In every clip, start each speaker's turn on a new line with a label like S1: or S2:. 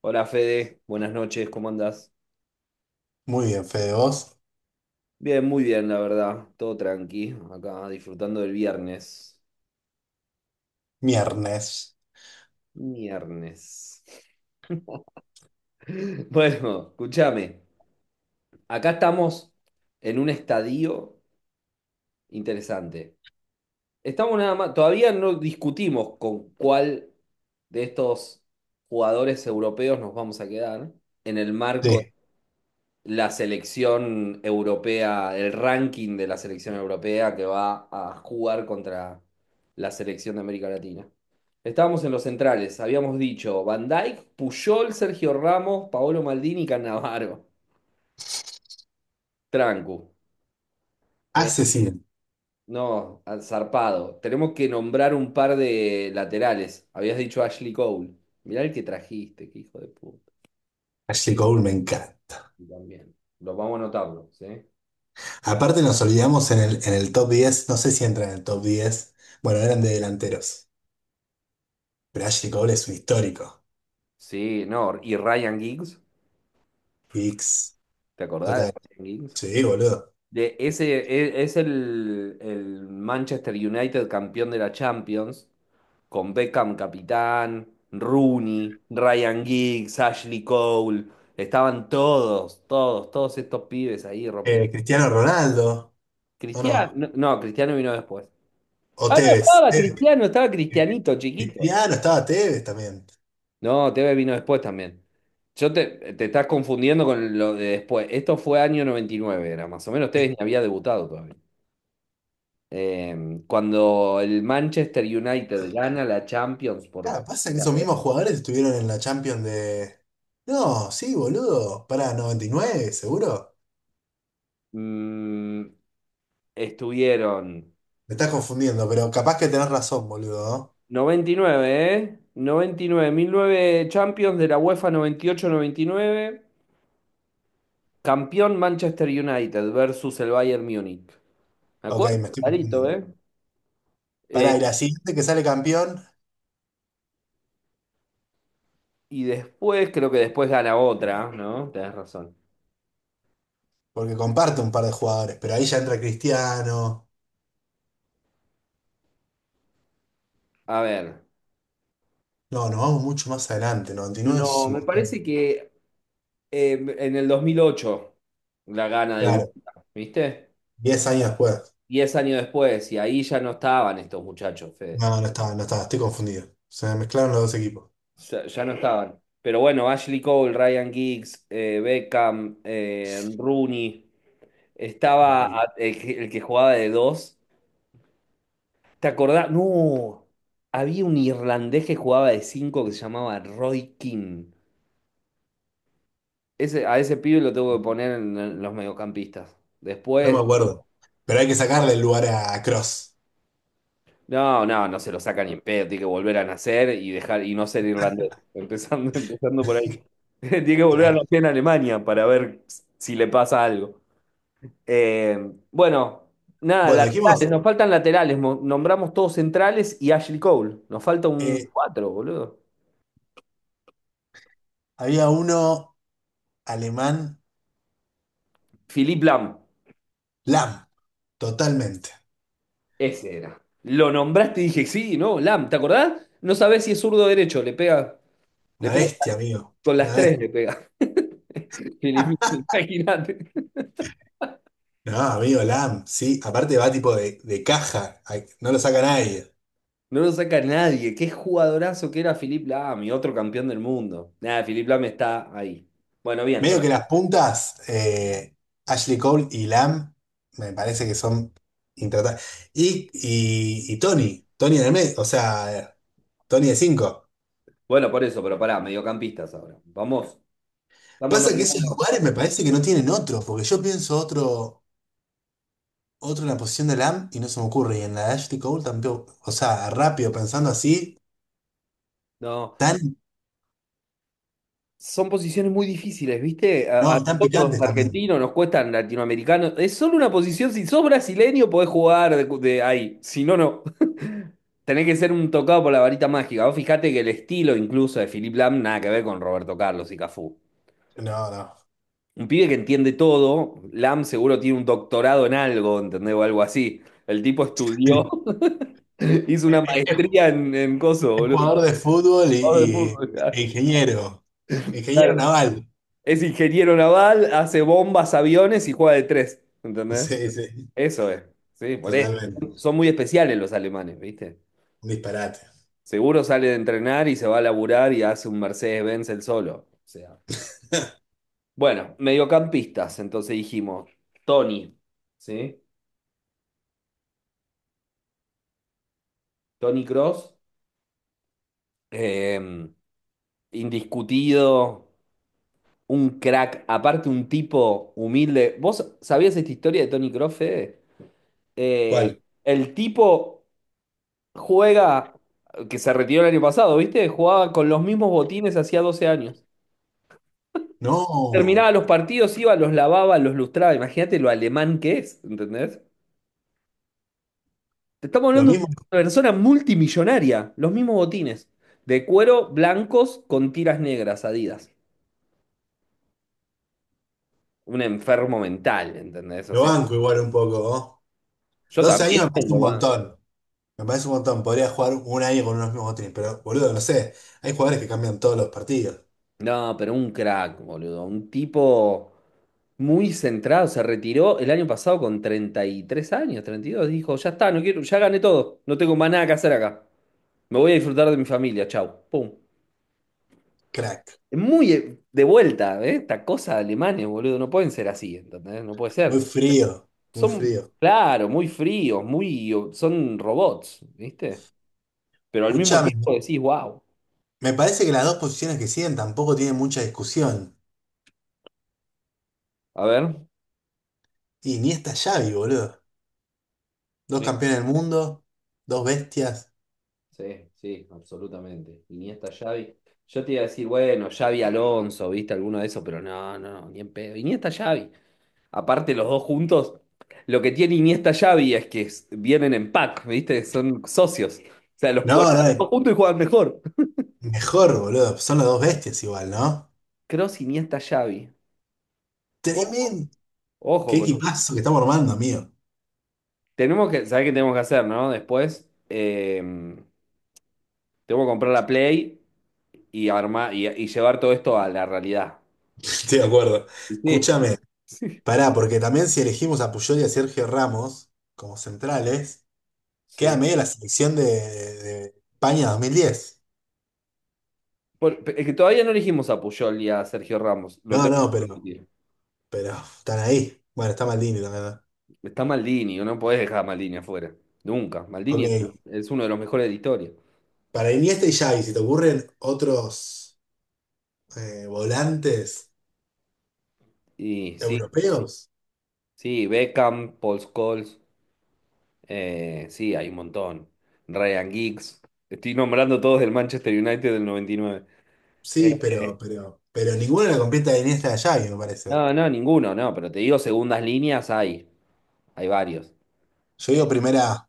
S1: Hola Fede, buenas noches, ¿cómo andás?
S2: Muy bien, Fede, vos.
S1: Bien, muy bien, la verdad, todo tranqui, acá disfrutando del viernes.
S2: Viernes
S1: Viernes. Bueno, escúchame, acá estamos en un estadio interesante. Estamos nada más, todavía no discutimos con cuál de estos jugadores europeos nos vamos a quedar en el marco
S2: de
S1: la selección europea, el ranking de la selección europea que va a jugar contra la selección de América Latina. Estábamos en los centrales, habíamos dicho Van Dijk, Puyol, Sergio Ramos, Paolo Maldini y Cannavaro. Trancu. Eh,
S2: asesino.
S1: no, al zarpado. Tenemos que nombrar un par de laterales. Habías dicho Ashley Cole. Mirá el que trajiste, qué hijo de puta.
S2: Ashley Cole me encanta.
S1: Y también. Los vamos a anotarlo, ¿sí?
S2: Aparte nos olvidamos en el top 10, no sé si entra en el top 10. Bueno, eran de delanteros, pero Ashley Cole es un histórico.
S1: Sí, no. ¿Y Ryan Giggs?
S2: X,
S1: ¿Te acordás de
S2: total.
S1: Ryan Giggs?
S2: Sí, boludo.
S1: De ese, es el Manchester United campeón de la Champions, con Beckham capitán, Rooney, Ryan Giggs, Ashley Cole, estaban todos, todos, todos estos pibes ahí rompiendo.
S2: Cristiano Ronaldo, ¿o
S1: Cristiano,
S2: no?
S1: no, no, Cristiano vino después.
S2: O
S1: Ah, no,
S2: Tevez.
S1: estaba
S2: Tevez.
S1: Cristiano, estaba Cristianito, chiquito.
S2: Cristiano, estaba Tevez también.
S1: No, Tevez vino después también. Yo te estás confundiendo con lo de después. Esto fue año 99 era más o menos. Tevez ni
S2: Que-
S1: había debutado todavía. Cuando el Manchester United gana la Champions por
S2: Claro, pasa que
S1: primera
S2: esos mismos
S1: vez,
S2: jugadores estuvieron en la Champions de... No, sí, boludo. Para 99, seguro.
S1: mm, estuvieron
S2: Me estás confundiendo, pero capaz que tenés razón, boludo,
S1: 99, ¿eh? Noventa y nueve, mil nueve Champions de la UEFA noventa noventa y ocho noventa y nueve, campeón Manchester United versus el Bayern Múnich. ¿Me
S2: ¿no? Ok,
S1: acuerdo?
S2: me estoy
S1: Clarito,
S2: confundiendo.
S1: ¿eh? Eh,
S2: Pará, y la siguiente que sale campeón,
S1: y después, creo que después gana otra, ¿no? Tenés razón.
S2: porque comparte un par de jugadores, pero ahí ya entra Cristiano.
S1: A ver.
S2: No, nos vamos mucho más adelante, 99 es
S1: No,
S2: un
S1: me
S2: montón.
S1: parece que en el 2008 la gana de
S2: Claro,
S1: UEFA, ¿viste?
S2: 10 años después.
S1: 10 años después, y ahí ya no estaban estos muchachos, Fede.
S2: No, no estaba, no estaba, estoy confundido. Se me mezclaron los dos equipos.
S1: Ya, ya no estaban. Pero bueno, Ashley Cole, Ryan Giggs, Beckham, Rooney, estaba
S2: Terrible.
S1: el que jugaba de dos. ¿Te acordás? No, había un irlandés que jugaba de cinco que se llamaba Roy King. Ese, a ese pibe lo tengo que poner en los mediocampistas.
S2: No me
S1: Después,
S2: acuerdo. Pero hay que sacarle el lugar a Cross.
S1: no, no, no se lo saca ni en pedo, tiene que volver a nacer y dejar y no ser irlandés. Empezando, empezando por ahí. Tiene que volver a
S2: Claro.
S1: nacer en Alemania para ver si le pasa algo. Eh, bueno, nada,
S2: Bueno, dijimos,
S1: laterales, nos faltan laterales. Nombramos todos centrales y Ashley Cole. Nos falta un
S2: eh,
S1: cuatro, boludo.
S2: había uno alemán,
S1: Philippe Lam,
S2: Lam, totalmente.
S1: ese era. Lo nombraste y dije, sí, no, Lam, ¿te acordás? No sabés si es zurdo o derecho, le
S2: Una
S1: pega
S2: bestia, amigo.
S1: con las
S2: Una
S1: tres,
S2: bestia.
S1: le pega. Philippe, imagínate.
S2: No, amigo, Lam, sí, aparte va tipo de caja, ay, no lo saca nadie.
S1: No lo saca nadie. Qué jugadorazo que era Philipp Lahm, mi otro campeón del mundo. Nada, Philipp Lahm está ahí. Bueno, bien.
S2: Medio que las puntas, Ashley Cole y Lam, me parece que son intratables. Y Tony, Tony en el medio, o sea, Tony de cinco.
S1: Bueno, por eso, pero pará, mediocampistas ahora. Vamos, vamos, no,
S2: Pasa que esos
S1: no.
S2: lugares me parece que no tienen otro, porque yo pienso otro, otro en la posición de Lam y no se me ocurre. Y en la de Ashley Cole tampoco, o sea, rápido, pensando así,
S1: No.
S2: tan,
S1: Son posiciones muy difíciles, ¿viste? A
S2: no, tan
S1: nosotros, los
S2: picantes también.
S1: argentinos, nos cuestan latinoamericanos. Es solo una posición, si sos brasileño, podés jugar de ahí. Si no, no. Tenés que ser un tocado por la varita mágica. Vos fijate que el estilo incluso de Philipp Lahm nada que ver con Roberto Carlos y Cafú.
S2: No, no.
S1: Un pibe que entiende todo. Lam seguro tiene un doctorado en algo, ¿entendés? O algo así. El tipo estudió, hizo una
S2: Es
S1: maestría en coso,
S2: Es
S1: boludo.
S2: jugador de fútbol
S1: Jugador de fútbol,
S2: y e
S1: claro.
S2: ingeniero. Ingeniero
S1: Claro.
S2: naval.
S1: Es ingeniero naval, hace bombas, aviones y juega de tres, ¿entendés?
S2: Sí, sí,
S1: Eso es. Sí, por eso.
S2: totalmente.
S1: Son muy especiales los alemanes, ¿viste?
S2: Un disparate.
S1: Seguro sale de entrenar y se va a laburar y hace un Mercedes-Benz el solo. O sea. Bueno, mediocampistas, entonces dijimos. Tony, ¿sí? Tony Cross, eh, indiscutido, un crack, aparte un tipo humilde. ¿Vos sabías esta historia de Tony Kroos, Fede? Eh,
S2: ¿Cuál?
S1: El tipo juega, que se retiró el año pasado, ¿viste? Jugaba con los mismos botines hacía 12 años. Terminaba
S2: No,
S1: los partidos, iba, los lavaba, los lustraba. Imagínate lo alemán que es, ¿entendés? Te estamos
S2: lo
S1: hablando de
S2: mismo,
S1: una persona multimillonaria, los mismos botines, de cuero blancos con tiras negras, Adidas. Un enfermo mental, ¿entendés? O
S2: lo
S1: sea.
S2: banco igual un poco, ¿no?
S1: Yo
S2: 12
S1: también
S2: años me parece un
S1: tengo banda.
S2: montón. Me parece un montón. Podría jugar un año con unos mismos botines, pero boludo, no sé. Hay jugadores que cambian todos los partidos.
S1: No, pero un crack, boludo. Un tipo muy centrado. Se retiró el año pasado con 33 años, 32. Dijo, ya está, no quiero, ya gané todo. No tengo más nada que hacer acá. Me voy a disfrutar de mi familia. Chau. Pum.
S2: Crack.
S1: Es muy de vuelta, ¿eh? Esta cosa de alemanes, boludo. No pueden ser así, ¿entendés? No puede
S2: Muy
S1: ser.
S2: frío, muy
S1: Son,
S2: frío.
S1: claro, muy fríos, son robots, ¿viste? Pero al mismo
S2: Escuchame,
S1: tiempo decís, wow.
S2: me parece que las dos posiciones que siguen tampoco tienen mucha discusión.
S1: A ver.
S2: Y ni esta Xavi, boludo. Dos
S1: Sí.
S2: campeones del mundo, dos bestias.
S1: Sí, sí, absolutamente. Iniesta, Xavi. Yo te iba a decir, bueno, Xavi Alonso, ¿viste alguno de esos? Pero no, no, ni en pedo. Iniesta, Xavi. Aparte, los dos juntos, lo que tiene Iniesta, Xavi es que vienen en pack, ¿viste? Son socios. O sea, los ponen
S2: No,
S1: los dos
S2: no,
S1: juntos y juegan mejor.
S2: mejor, boludo. Son las dos bestias igual, ¿no?
S1: Cross, Iniesta, Xavi. Ojo,
S2: Tremendo.
S1: ojo
S2: Qué
S1: con...
S2: equipazo que estamos armando, amigo.
S1: Tenemos que, ¿sabés qué tenemos que hacer, no? Después, tengo que comprar la Play y armar y llevar todo esto a la realidad.
S2: Estoy de acuerdo.
S1: Sí,
S2: Escúchame,
S1: sí.
S2: pará, porque también si elegimos a Puyol y a Sergio Ramos como centrales, queda
S1: Sí.
S2: medio la selección de España 2010.
S1: Es que todavía no elegimos a Puyol y a Sergio Ramos. Lo
S2: No,
S1: tenemos
S2: no,
S1: que discutir.
S2: pero están ahí. Bueno, está Maldini también, ¿no?
S1: Está Maldini, no podés dejar a Maldini afuera. Nunca. Maldini es,
S2: Ok.
S1: es uno de los mejores de la historia.
S2: Para Iniesta y Xavi, si te ocurren otros volantes
S1: Y sí,
S2: europeos,
S1: sí, Beckham, Paul Scholes, sí, hay un montón. Ryan Giggs. Estoy nombrando todos del Manchester United del 99.
S2: sí,
S1: Eh,
S2: pero ninguna la completa de Iniesta y Xavi, me parece.
S1: No, no, ninguno, no, pero te digo, segundas líneas hay. Hay varios.
S2: Yo
S1: Eh,
S2: digo primera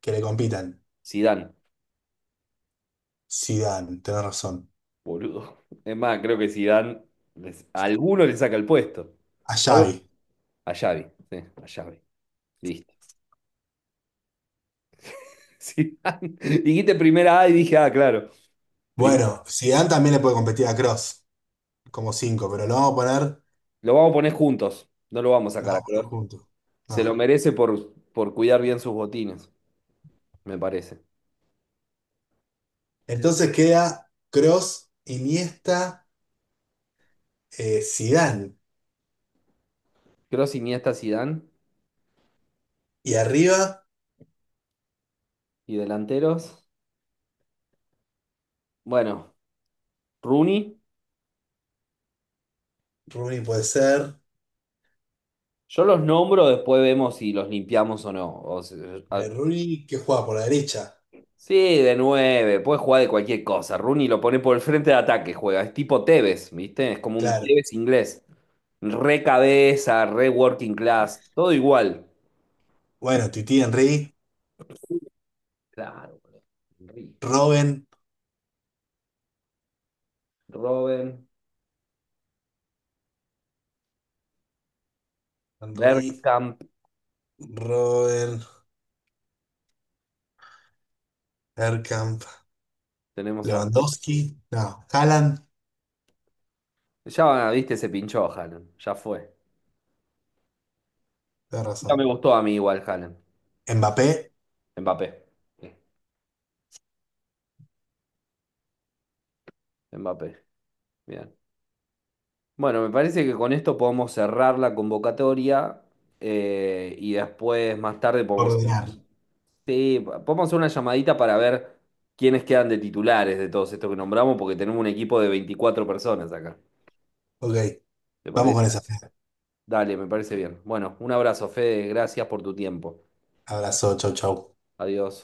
S2: que le compitan.
S1: Zidane,
S2: Zidane, tenés razón.
S1: boludo. Es más, creo que Zidane, a alguno le saca el puesto.
S2: A Xavi.
S1: A Xavi, sí, a Xavi. Listo. Sí. Dijiste primera A y dije, ah, claro. Primera-
S2: Bueno, Zidane también le puede competir a Cross como cinco, pero lo vamos a poner,
S1: Lo vamos a poner juntos. No lo vamos a
S2: lo
S1: sacar a
S2: vamos a poner
S1: Kroos.
S2: juntos.
S1: Se lo
S2: No.
S1: merece por cuidar bien sus botines, me parece.
S2: Entonces queda Cross, Iniesta, Zidane.
S1: Kroos, Iniesta, Zidane
S2: Y arriba,
S1: y delanteros. Bueno, Rooney.
S2: Rooney puede ser.
S1: Yo los nombro, después vemos si los limpiamos o no. O si-
S2: Eh,
S1: a-
S2: Rooney que juega por la derecha.
S1: Sí, de nueve, puede jugar de cualquier cosa. Rooney lo pone por el frente de ataque, juega. Es tipo Tevez, ¿viste? Es como un
S2: Claro.
S1: Tevez inglés. Re cabeza, re working class, todo igual.
S2: Bueno, Titi Henry,
S1: Claro, boludo. Henry,
S2: Robben,
S1: Robben,
S2: Henry,
S1: Bergkamp,
S2: Robben, Bergkamp,
S1: tenemos a...
S2: Lewandowski. No, Haaland,
S1: Ya, viste, se pinchó Haaland, ya fue.
S2: tenés
S1: Nunca me
S2: razón.
S1: gustó a mí igual Haaland.
S2: Mbappé.
S1: Mbappé. Sí, Mbappé, bien. Bueno, me parece que con esto podemos cerrar la convocatoria, y después, más tarde, podemos,
S2: Coordinar.
S1: sí, podemos hacer una llamadita para ver quiénes quedan de titulares de todos estos que nombramos, porque tenemos un equipo de 24 personas acá.
S2: Ok,
S1: ¿Te
S2: vamos
S1: parece?
S2: con esa. Fer.
S1: Dale, me parece bien. Bueno, un abrazo, Fede. Gracias por tu tiempo.
S2: Abrazo, chau, chau.
S1: Adiós.